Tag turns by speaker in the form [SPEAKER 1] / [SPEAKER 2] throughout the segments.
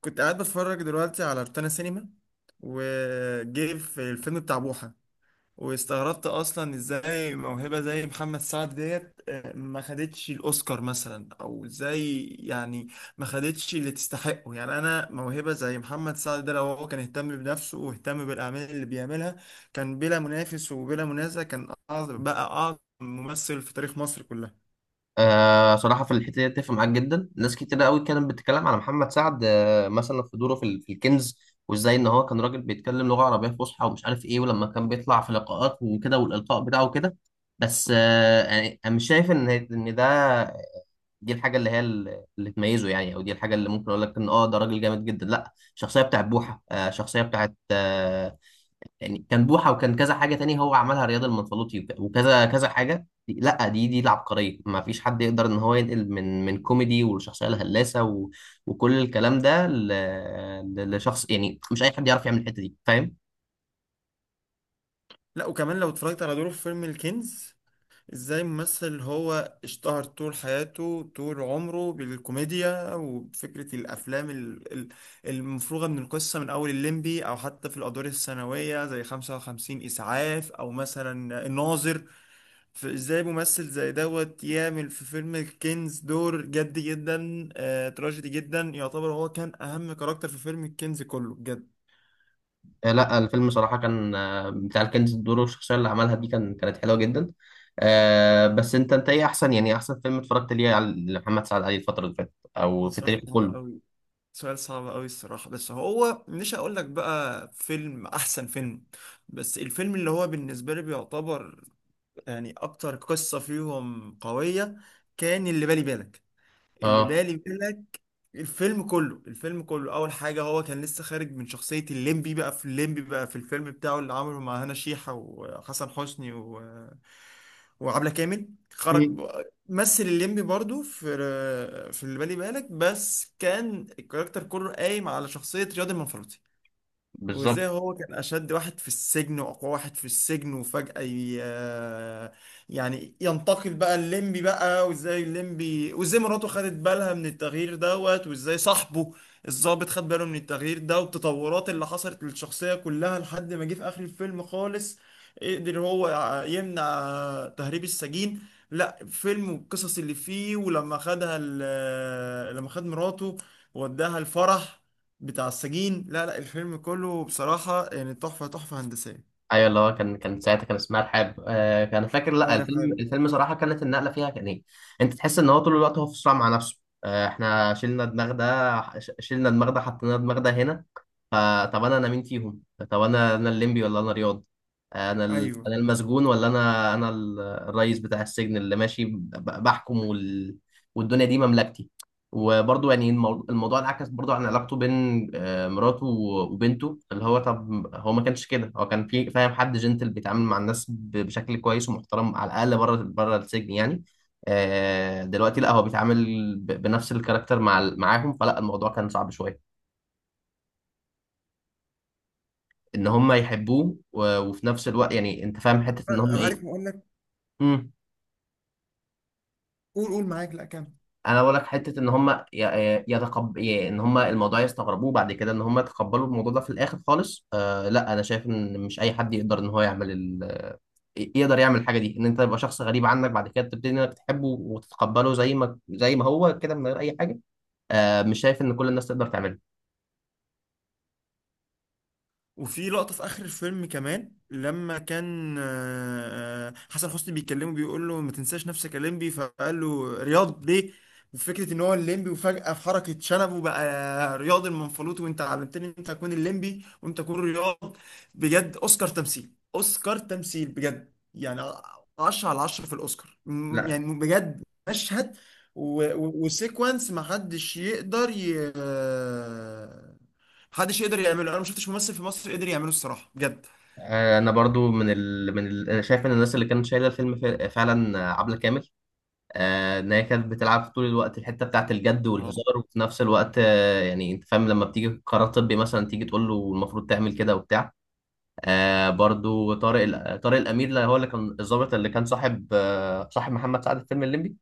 [SPEAKER 1] كنت قاعد بتفرج دلوقتي على روتانا سينما، وجاي في الفيلم بتاع بوحة، واستغربت اصلا ازاي موهبة زي محمد سعد ديت ما خدتش الاوسكار مثلا او ازاي يعني، ما خدتش اللي تستحقه. يعني انا موهبة زي محمد سعد ده لو هو كان اهتم بنفسه واهتم بالاعمال اللي بيعملها كان بلا منافس وبلا منازع، كان أعظم، بقى اعظم ممثل في تاريخ مصر كلها.
[SPEAKER 2] صراحة في الحتة دي أتفق معاك جدا، ناس كتير قوي كانت بتتكلم على محمد سعد مثلا في دوره في الكنز. وإزاي إن هو كان راجل بيتكلم لغة عربية فصحى ومش عارف إيه، ولما كان بيطلع في لقاءات وكده والإلقاء بتاعه كده. بس يعني أنا مش شايف إن ده دي الحاجة اللي هي اللي تميزه، يعني أو دي الحاجة اللي ممكن أقول لك إن ده راجل جامد جدا. لأ، الشخصية بتاعت بوحة، الشخصية بتاعت، يعني كان بوحة وكان كذا حاجة تاني هو عملها، رياض المنفلوطي وكذا كذا حاجة. لا دي العبقرية، ما فيش حد يقدر ان هو ينقل من كوميدي والشخصية الهلاسة وكل الكلام ده لشخص، يعني مش اي حد يعرف يعمل الحتة دي، فاهم؟
[SPEAKER 1] لا، وكمان لو اتفرجت على دوره في فيلم الكنز، ازاي ممثل هو اشتهر طول حياته طول عمره بالكوميديا وفكرة الافلام المفروغة من القصة من اول الليمبي، او حتى في الادوار الثانوية زي 55 اسعاف او مثلا الناظر، فازاي ممثل زي دوت يعمل في فيلم الكنز دور جد جدا، تراجيدي جدا. يعتبر هو كان اهم كاركتر في فيلم الكنز كله بجد.
[SPEAKER 2] لا الفيلم صراحة كان، بتاع الكنز، الدور والشخصية اللي عملها دي كانت حلوة جدا. بس انت ايه احسن، يعني احسن فيلم اتفرجت ليه على محمد سعد علي الفترة اللي فاتت او
[SPEAKER 1] ده
[SPEAKER 2] في
[SPEAKER 1] سؤال
[SPEAKER 2] تاريخه
[SPEAKER 1] صعب
[SPEAKER 2] كله؟
[SPEAKER 1] قوي، سؤال صعب قوي الصراحة، بس هو مش هقول لك بقى فيلم احسن فيلم. بس الفيلم اللي هو بالنسبة لي بيعتبر يعني اكتر قصة فيهم قوية كان اللي بالي بالك، اللي
[SPEAKER 2] اه.
[SPEAKER 1] بالي بالك. الفيلم كله، الفيلم كله اول حاجه هو كان لسه خارج من شخصيه الليمبي، بقى في الليمبي بقى في الفيلم بتاعه اللي عمله مع هنا شيحه وحسن حسني وعبلة كامل.
[SPEAKER 2] مم.
[SPEAKER 1] مثل الليمبي برضو في اللي بالي بالك، بس كان الكاركتر كله قايم على شخصيه رياض المنفرطي،
[SPEAKER 2] بالظبط.
[SPEAKER 1] وازاي هو كان اشد واحد في السجن واقوى واحد في السجن، وفجأة ي... آه، يعني ينتقل بقى الليمبي بقى، وازاي الليمبي، وازاي مراته خدت بالها من التغيير دوت، وازاي صاحبه الضابط خد باله من التغيير ده، والتطورات اللي حصلت للشخصية كلها لحد ما جه في اخر الفيلم خالص قدر هو يمنع تهريب السجين. لا، فيلم والقصص اللي فيه، ولما خدها لما خد مراته وداها الفرح بتاع السجين. لا لا، الفيلم كله بصراحة يعني تحفة، تحفة هندسية،
[SPEAKER 2] ايوه، اللي هو كان ساعتها كان اسمها الحرب كان فاكر. لا
[SPEAKER 1] طاهر
[SPEAKER 2] الفيلم،
[SPEAKER 1] حاجة.
[SPEAKER 2] صراحه كانت النقله فيها كان ايه، انت تحس ان هو طول الوقت هو في صراع مع نفسه. احنا شلنا دماغ ده، شلنا دماغ ده، حطينا دماغ ده هنا. فطب انا مين فيهم؟ طب انا الليمبي ولا انا رياض؟
[SPEAKER 1] ايوه،
[SPEAKER 2] انا المسجون ولا انا الرئيس بتاع السجن اللي ماشي بحكم والدنيا دي مملكتي. وبرضه يعني الموضوع انعكس برضه عن علاقته بين، مراته وبنته. اللي هو طب هو ما كانش كده، هو كان في فاهم حد جنتل بيتعامل مع الناس بشكل كويس ومحترم على الاقل بره بره السجن يعني. دلوقتي لا هو بيتعامل بنفس الكاركتر مع معاهم، فلا الموضوع كان صعب شويه ان هم يحبوه وفي نفس الوقت يعني انت فاهم حته ان هم
[SPEAKER 1] عارف
[SPEAKER 2] ايه.
[SPEAKER 1] اقول لك،
[SPEAKER 2] مم.
[SPEAKER 1] قول قول معاك، لا كمل.
[SPEAKER 2] انا بقول لك حته ان هم ان هم الموضوع يستغربوه بعد كده، ان هم يتقبلوا الموضوع ده في الاخر خالص. لا انا شايف ان مش اي حد يقدر ان هو يعمل يقدر يعمل الحاجه دي، ان انت تبقى شخص غريب عنك بعد كده تبتدي انك تحبه وتتقبله زي ما هو كده من غير اي حاجه. مش شايف ان كل الناس تقدر تعمله.
[SPEAKER 1] وفي لقطة في آخر الفيلم كمان، لما كان حسن حسني بيكلمه بيقول له ما تنساش نفسك يا ليمبي، فقال له رياض ليه؟ وفكرة إن هو الليمبي وفجأة في حركة شنبه بقى رياض المنفلوطي، وأنت علمتني إن أنت تكون الليمبي وأنت تكون رياض. بجد أوسكار تمثيل، أوسكار تمثيل بجد يعني. 10 على 10 في الأوسكار،
[SPEAKER 2] لا
[SPEAKER 1] يعني بجد. مشهد و وسيكونس ما حدش يقدر محدش يقدر يعمله. انا ما شفتش ممثل في مصر قدر يعمله الصراحه بجد.
[SPEAKER 2] انا برضو أنا شايف ان الناس اللي كانت شايله الفيلم فعلا، عبله كامل. ان هي كانت بتلعب طول الوقت الحته بتاعت الجد
[SPEAKER 1] اه،
[SPEAKER 2] والهزار، وفي نفس الوقت يعني انت فاهم، لما بتيجي قرار طبي مثلا تيجي تقول له المفروض تعمل كده وبتاع. برضو طارق الامير، اللي هو اللي كان الضابط اللي كان صاحب، صاحب محمد سعد في فيلم الليمبي،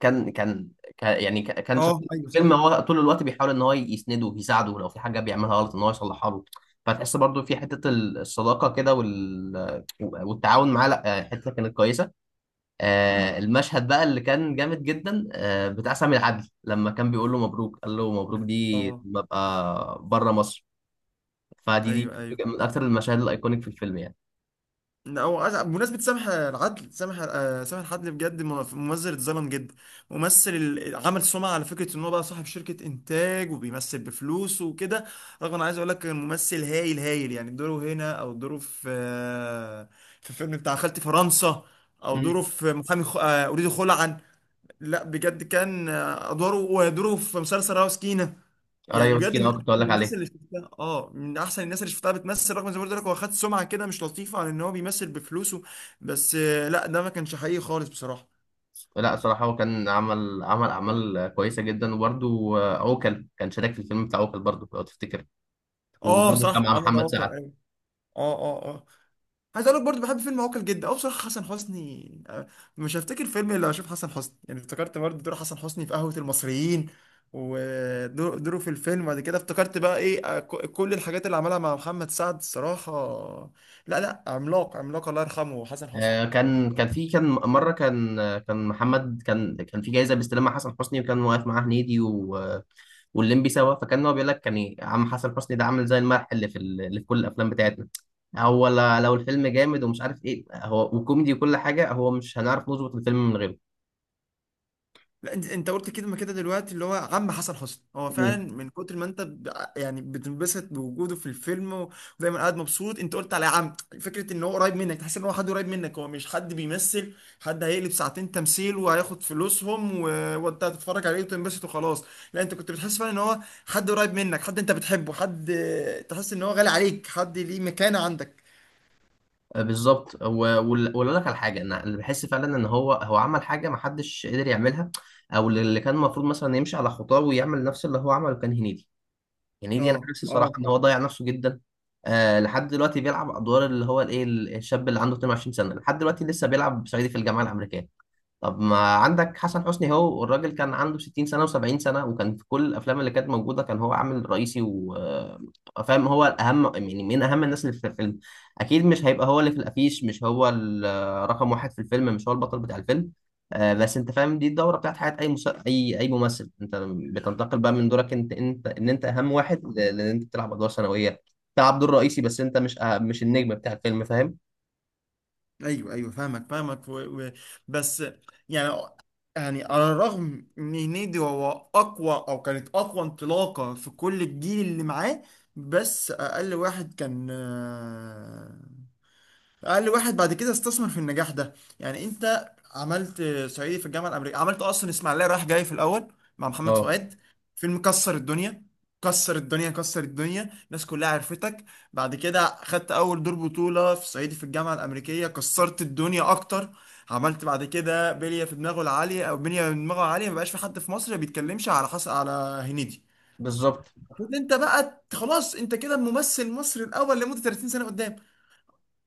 [SPEAKER 2] كان كان يعني كان
[SPEAKER 1] اه،
[SPEAKER 2] شخصية في
[SPEAKER 1] ايوه صح.
[SPEAKER 2] الفيلم هو طول الوقت بيحاول ان هو يسنده ويساعده، لو في حاجه بيعملها غلط ان هو يصلحها له. فتحس برضو في حته الصداقه كده والتعاون معاه. لا حته كانت كويسه. المشهد بقى اللي كان جامد جدا، بتاع سامي العدل، لما كان بيقول له مبروك، قال له مبروك دي
[SPEAKER 1] اه،
[SPEAKER 2] لما ابقى بره مصر. فدي
[SPEAKER 1] ايوه ايوه.
[SPEAKER 2] من اكتر المشاهد الايكونيك في الفيلم يعني.
[SPEAKER 1] لا، هو بمناسبة سامح العدل، سامح سامح العدل بجد ممثل اتظلم جدا. ممثل عمل سمعة على فكرة ان هو بقى صاحب شركة انتاج وبيمثل بفلوسه وكده، رغم انا عايز اقول لك كان ممثل هايل هايل، يعني دوره هنا او دوره في في الفيلم بتاع خالتي فرنسا، او دوره
[SPEAKER 2] امم.
[SPEAKER 1] في محامي اريد خلعا. لا بجد كان ادواره ودوره في مسلسل راوس يعني
[SPEAKER 2] قرايه
[SPEAKER 1] بجد
[SPEAKER 2] مسكين،
[SPEAKER 1] من
[SPEAKER 2] اه كنت اقول
[SPEAKER 1] احسن
[SPEAKER 2] لك
[SPEAKER 1] الناس
[SPEAKER 2] عليه.
[SPEAKER 1] اللي شفتها. اه، من احسن الناس اللي شفتها بتمثل، رغم زي ما قلت لك هو خد سمعه كده مش لطيفه عن ان هو بيمثل بفلوسه. بس لا، ده ما كانش حقيقي خالص بصراحه.
[SPEAKER 2] لا صراحة هو كان عمل عمل أعمال كويسة جدا، وبرده عوكل كان شارك في الفيلم بتاع عوكل برضه لو تفتكر،
[SPEAKER 1] اه
[SPEAKER 2] وبرده
[SPEAKER 1] صح،
[SPEAKER 2] كان مع
[SPEAKER 1] عمل
[SPEAKER 2] محمد
[SPEAKER 1] عوكل
[SPEAKER 2] سعد.
[SPEAKER 1] ايوه. اه اه اه، عايز اقول لك برضه بحب فيلم عوكل جدا. اه، بصراحه حسن حسني، مش هفتكر فيلم الا اشوف حسن حسني. يعني افتكرت برضه دور حسن حسني في قهوه المصريين، ودوره في الفيلم بعد كده، افتكرت بقى ايه، كل الحاجات اللي عملها مع محمد سعد الصراحه. لا لا، عملاق، عملاق الله يرحمه حسن حسني.
[SPEAKER 2] كان في مرة كان كان محمد كان كان في جايزة بيستلمها حسن حسني، وكان واقف معاه هنيدي والليمبي سوا. فكان هو بيقول لك كان إيه، عم حسن حسني ده عامل زي الملح اللي في اللي في كل الافلام بتاعتنا. هو لو الفيلم جامد ومش عارف ايه، هو وكوميدي وكل حاجه، هو مش هنعرف نظبط الفيلم من غيره.
[SPEAKER 1] لا، انت قلت كده، ما كده دلوقتي اللي هو عم حسن حسني، هو فعلا
[SPEAKER 2] مم.
[SPEAKER 1] من كتر ما انت يعني بتنبسط بوجوده في الفيلم، و- ودايما قاعد مبسوط. انت قلت على عم، فكره ان هو قريب منك، تحس ان هو حد قريب منك، هو مش حد بيمثل، حد هيقلب ساعتين تمثيل وهياخد فلوسهم وانت هتتفرج عليه وتنبسط وخلاص. لا، انت كنت بتحس فعلا ان هو حد قريب منك، حد انت بتحبه، حد تحس ان هو غالي عليك، حد ليه مكانه عندك.
[SPEAKER 2] بالظبط. واقول لك على حاجه، انا اللي بحس فعلا ان هو، عمل حاجه ما حدش قدر يعملها، او اللي كان المفروض مثلا يمشي على خطاه ويعمل نفس اللي هو عمله، كان هنيدي.
[SPEAKER 1] اه
[SPEAKER 2] هنيدي انا حاسس
[SPEAKER 1] اه
[SPEAKER 2] صراحه ان هو
[SPEAKER 1] اه.
[SPEAKER 2] ضيع نفسه جدا. لحد دلوقتي بيلعب ادوار اللي هو الايه، الشاب اللي عنده 22 سنه، لحد دلوقتي لسه بيلعب صعيدي في الجامعه الامريكيه. طب ما عندك حسن حسني، هو الراجل كان عنده 60 سنة و70 سنة، وكان في كل الأفلام اللي كانت موجودة كان هو عامل رئيسي، وفاهم هو الأهم يعني من أهم الناس اللي في الفيلم. أكيد مش هيبقى هو اللي في الأفيش، مش هو رقم واحد في الفيلم، مش هو البطل بتاع الفيلم. بس أنت فاهم، دي الدورة بتاعت حياة أي أي ممثل. أنت بتنتقل بقى من دورك أنت، إن أنت أهم واحد، لأن أنت بتلعب أدوار ثانوية، تلعب دور رئيسي، بس أنت مش النجم بتاع الفيلم، فاهم؟
[SPEAKER 1] ايوه ايوه، فاهمك فاهمك و... بس يعني، يعني على الرغم ان هنيدي هو اقوى او كانت اقوى انطلاقه في كل الجيل اللي معاه، بس اقل واحد كان، اقل واحد بعد كده استثمر في النجاح ده. يعني انت عملت صعيدي في الجامعه الامريكيه، عملت اصلا اسماعيليه رايح جاي في الاول مع محمد
[SPEAKER 2] اه،
[SPEAKER 1] فؤاد، فيلم كسر الدنيا، كسر الدنيا، كسر الدنيا الناس كلها عرفتك. بعد كده خدت اول دور بطوله في صعيدي في الجامعه الامريكيه، كسرت الدنيا اكتر. عملت بعد كده بليه في دماغه العاليه، او بليه في دماغه العاليه ما بقاش في حد في مصر بيتكلمش على حس على هنيدي.
[SPEAKER 2] بالظبط.
[SPEAKER 1] المفروض انت بقى خلاص انت كده الممثل المصري الاول لمده 30 سنه قدام.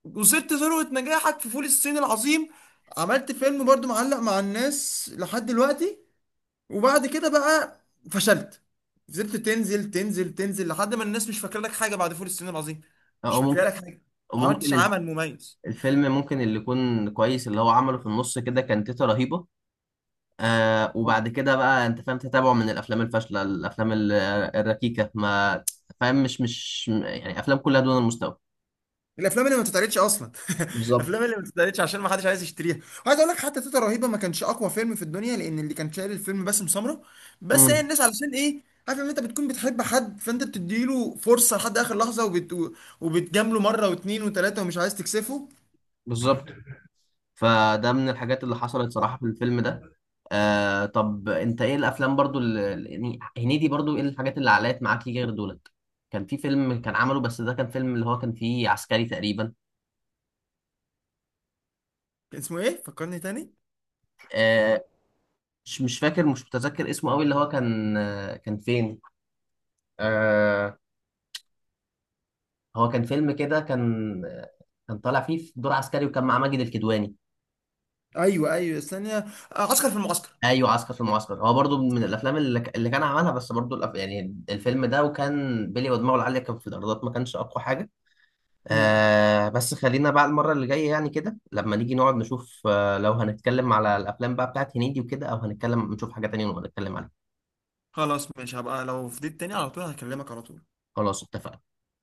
[SPEAKER 1] وصلت ذروة نجاحك في فول الصين العظيم، عملت فيلم برضو معلق مع الناس لحد دلوقتي، وبعد كده بقى فشلت، فضلت تنزل تنزل تنزل لحد ما الناس مش فاكره لك حاجة بعد فول الصين العظيم، مش
[SPEAKER 2] أو
[SPEAKER 1] فاكره
[SPEAKER 2] ممكن.
[SPEAKER 1] لك حاجة، ما عملتش
[SPEAKER 2] وممكن
[SPEAKER 1] عمل مميز.
[SPEAKER 2] الفيلم ممكن، اللي يكون كويس اللي هو عمله في النص كده، كان تيتا رهيبة. وبعد كده بقى انت فاهم تتابعه من الافلام الفاشلة، الافلام الركيكة، ما فاهم، مش يعني افلام كلها دون المستوى.
[SPEAKER 1] الافلام اللي ما بتتعرضش اصلا،
[SPEAKER 2] بالظبط.
[SPEAKER 1] الافلام اللي ما بتتعرضش عشان ما حدش عايز يشتريها. وعايز اقول لك، حتى تيتا رهيبه ما كانش اقوى فيلم في الدنيا، لان اللي كان شايل الفيلم باسم سمره. بس هي
[SPEAKER 2] امم.
[SPEAKER 1] الناس علشان ايه؟ عارف ان انت بتكون بتحب حد فانت بتديله فرصه لحد اخر لحظه، وبتجامله مره واتنين وتلاته، ومش عايز تكسفه.
[SPEAKER 2] بالظبط. فده من الحاجات اللي حصلت صراحة في الفيلم ده. طب انت ايه الافلام برضو اللي يعني هنيدي برضو، ايه الحاجات اللي علقت معاك ليه غير دولت؟ كان في فيلم كان عمله بس، ده كان فيلم اللي هو كان فيه عسكري تقريبا.
[SPEAKER 1] كان اسمه ايه، فكرني تاني.
[SPEAKER 2] آه، مش مش فاكر، مش متذكر اسمه قوي، اللي هو كان، كان فين، آه هو كان فيلم كده كان، كان طالع فيه في دور عسكري وكان معاه ماجد الكدواني.
[SPEAKER 1] ايوه ايوه، استنى، عسكر في المعسكر.
[SPEAKER 2] ايوه، عسكر في المعسكر، هو برضو من الافلام اللي كان عملها، بس برضو يعني الفيلم ده وكان بيلي ودماغه العاليه كان في الايرادات ما كانش اقوى حاجه.
[SPEAKER 1] امم،
[SPEAKER 2] بس خلينا بقى المره اللي جايه يعني كده، لما نيجي نقعد نشوف، لو هنتكلم على الافلام بقى بتاعت هنيدي وكده، او هنتكلم نشوف حاجه تانية ونبقى نتكلم عليها.
[SPEAKER 1] خلاص ماشي، هبقى لو فضيت تاني على طول هكلمك على طول.
[SPEAKER 2] خلاص، اتفقنا.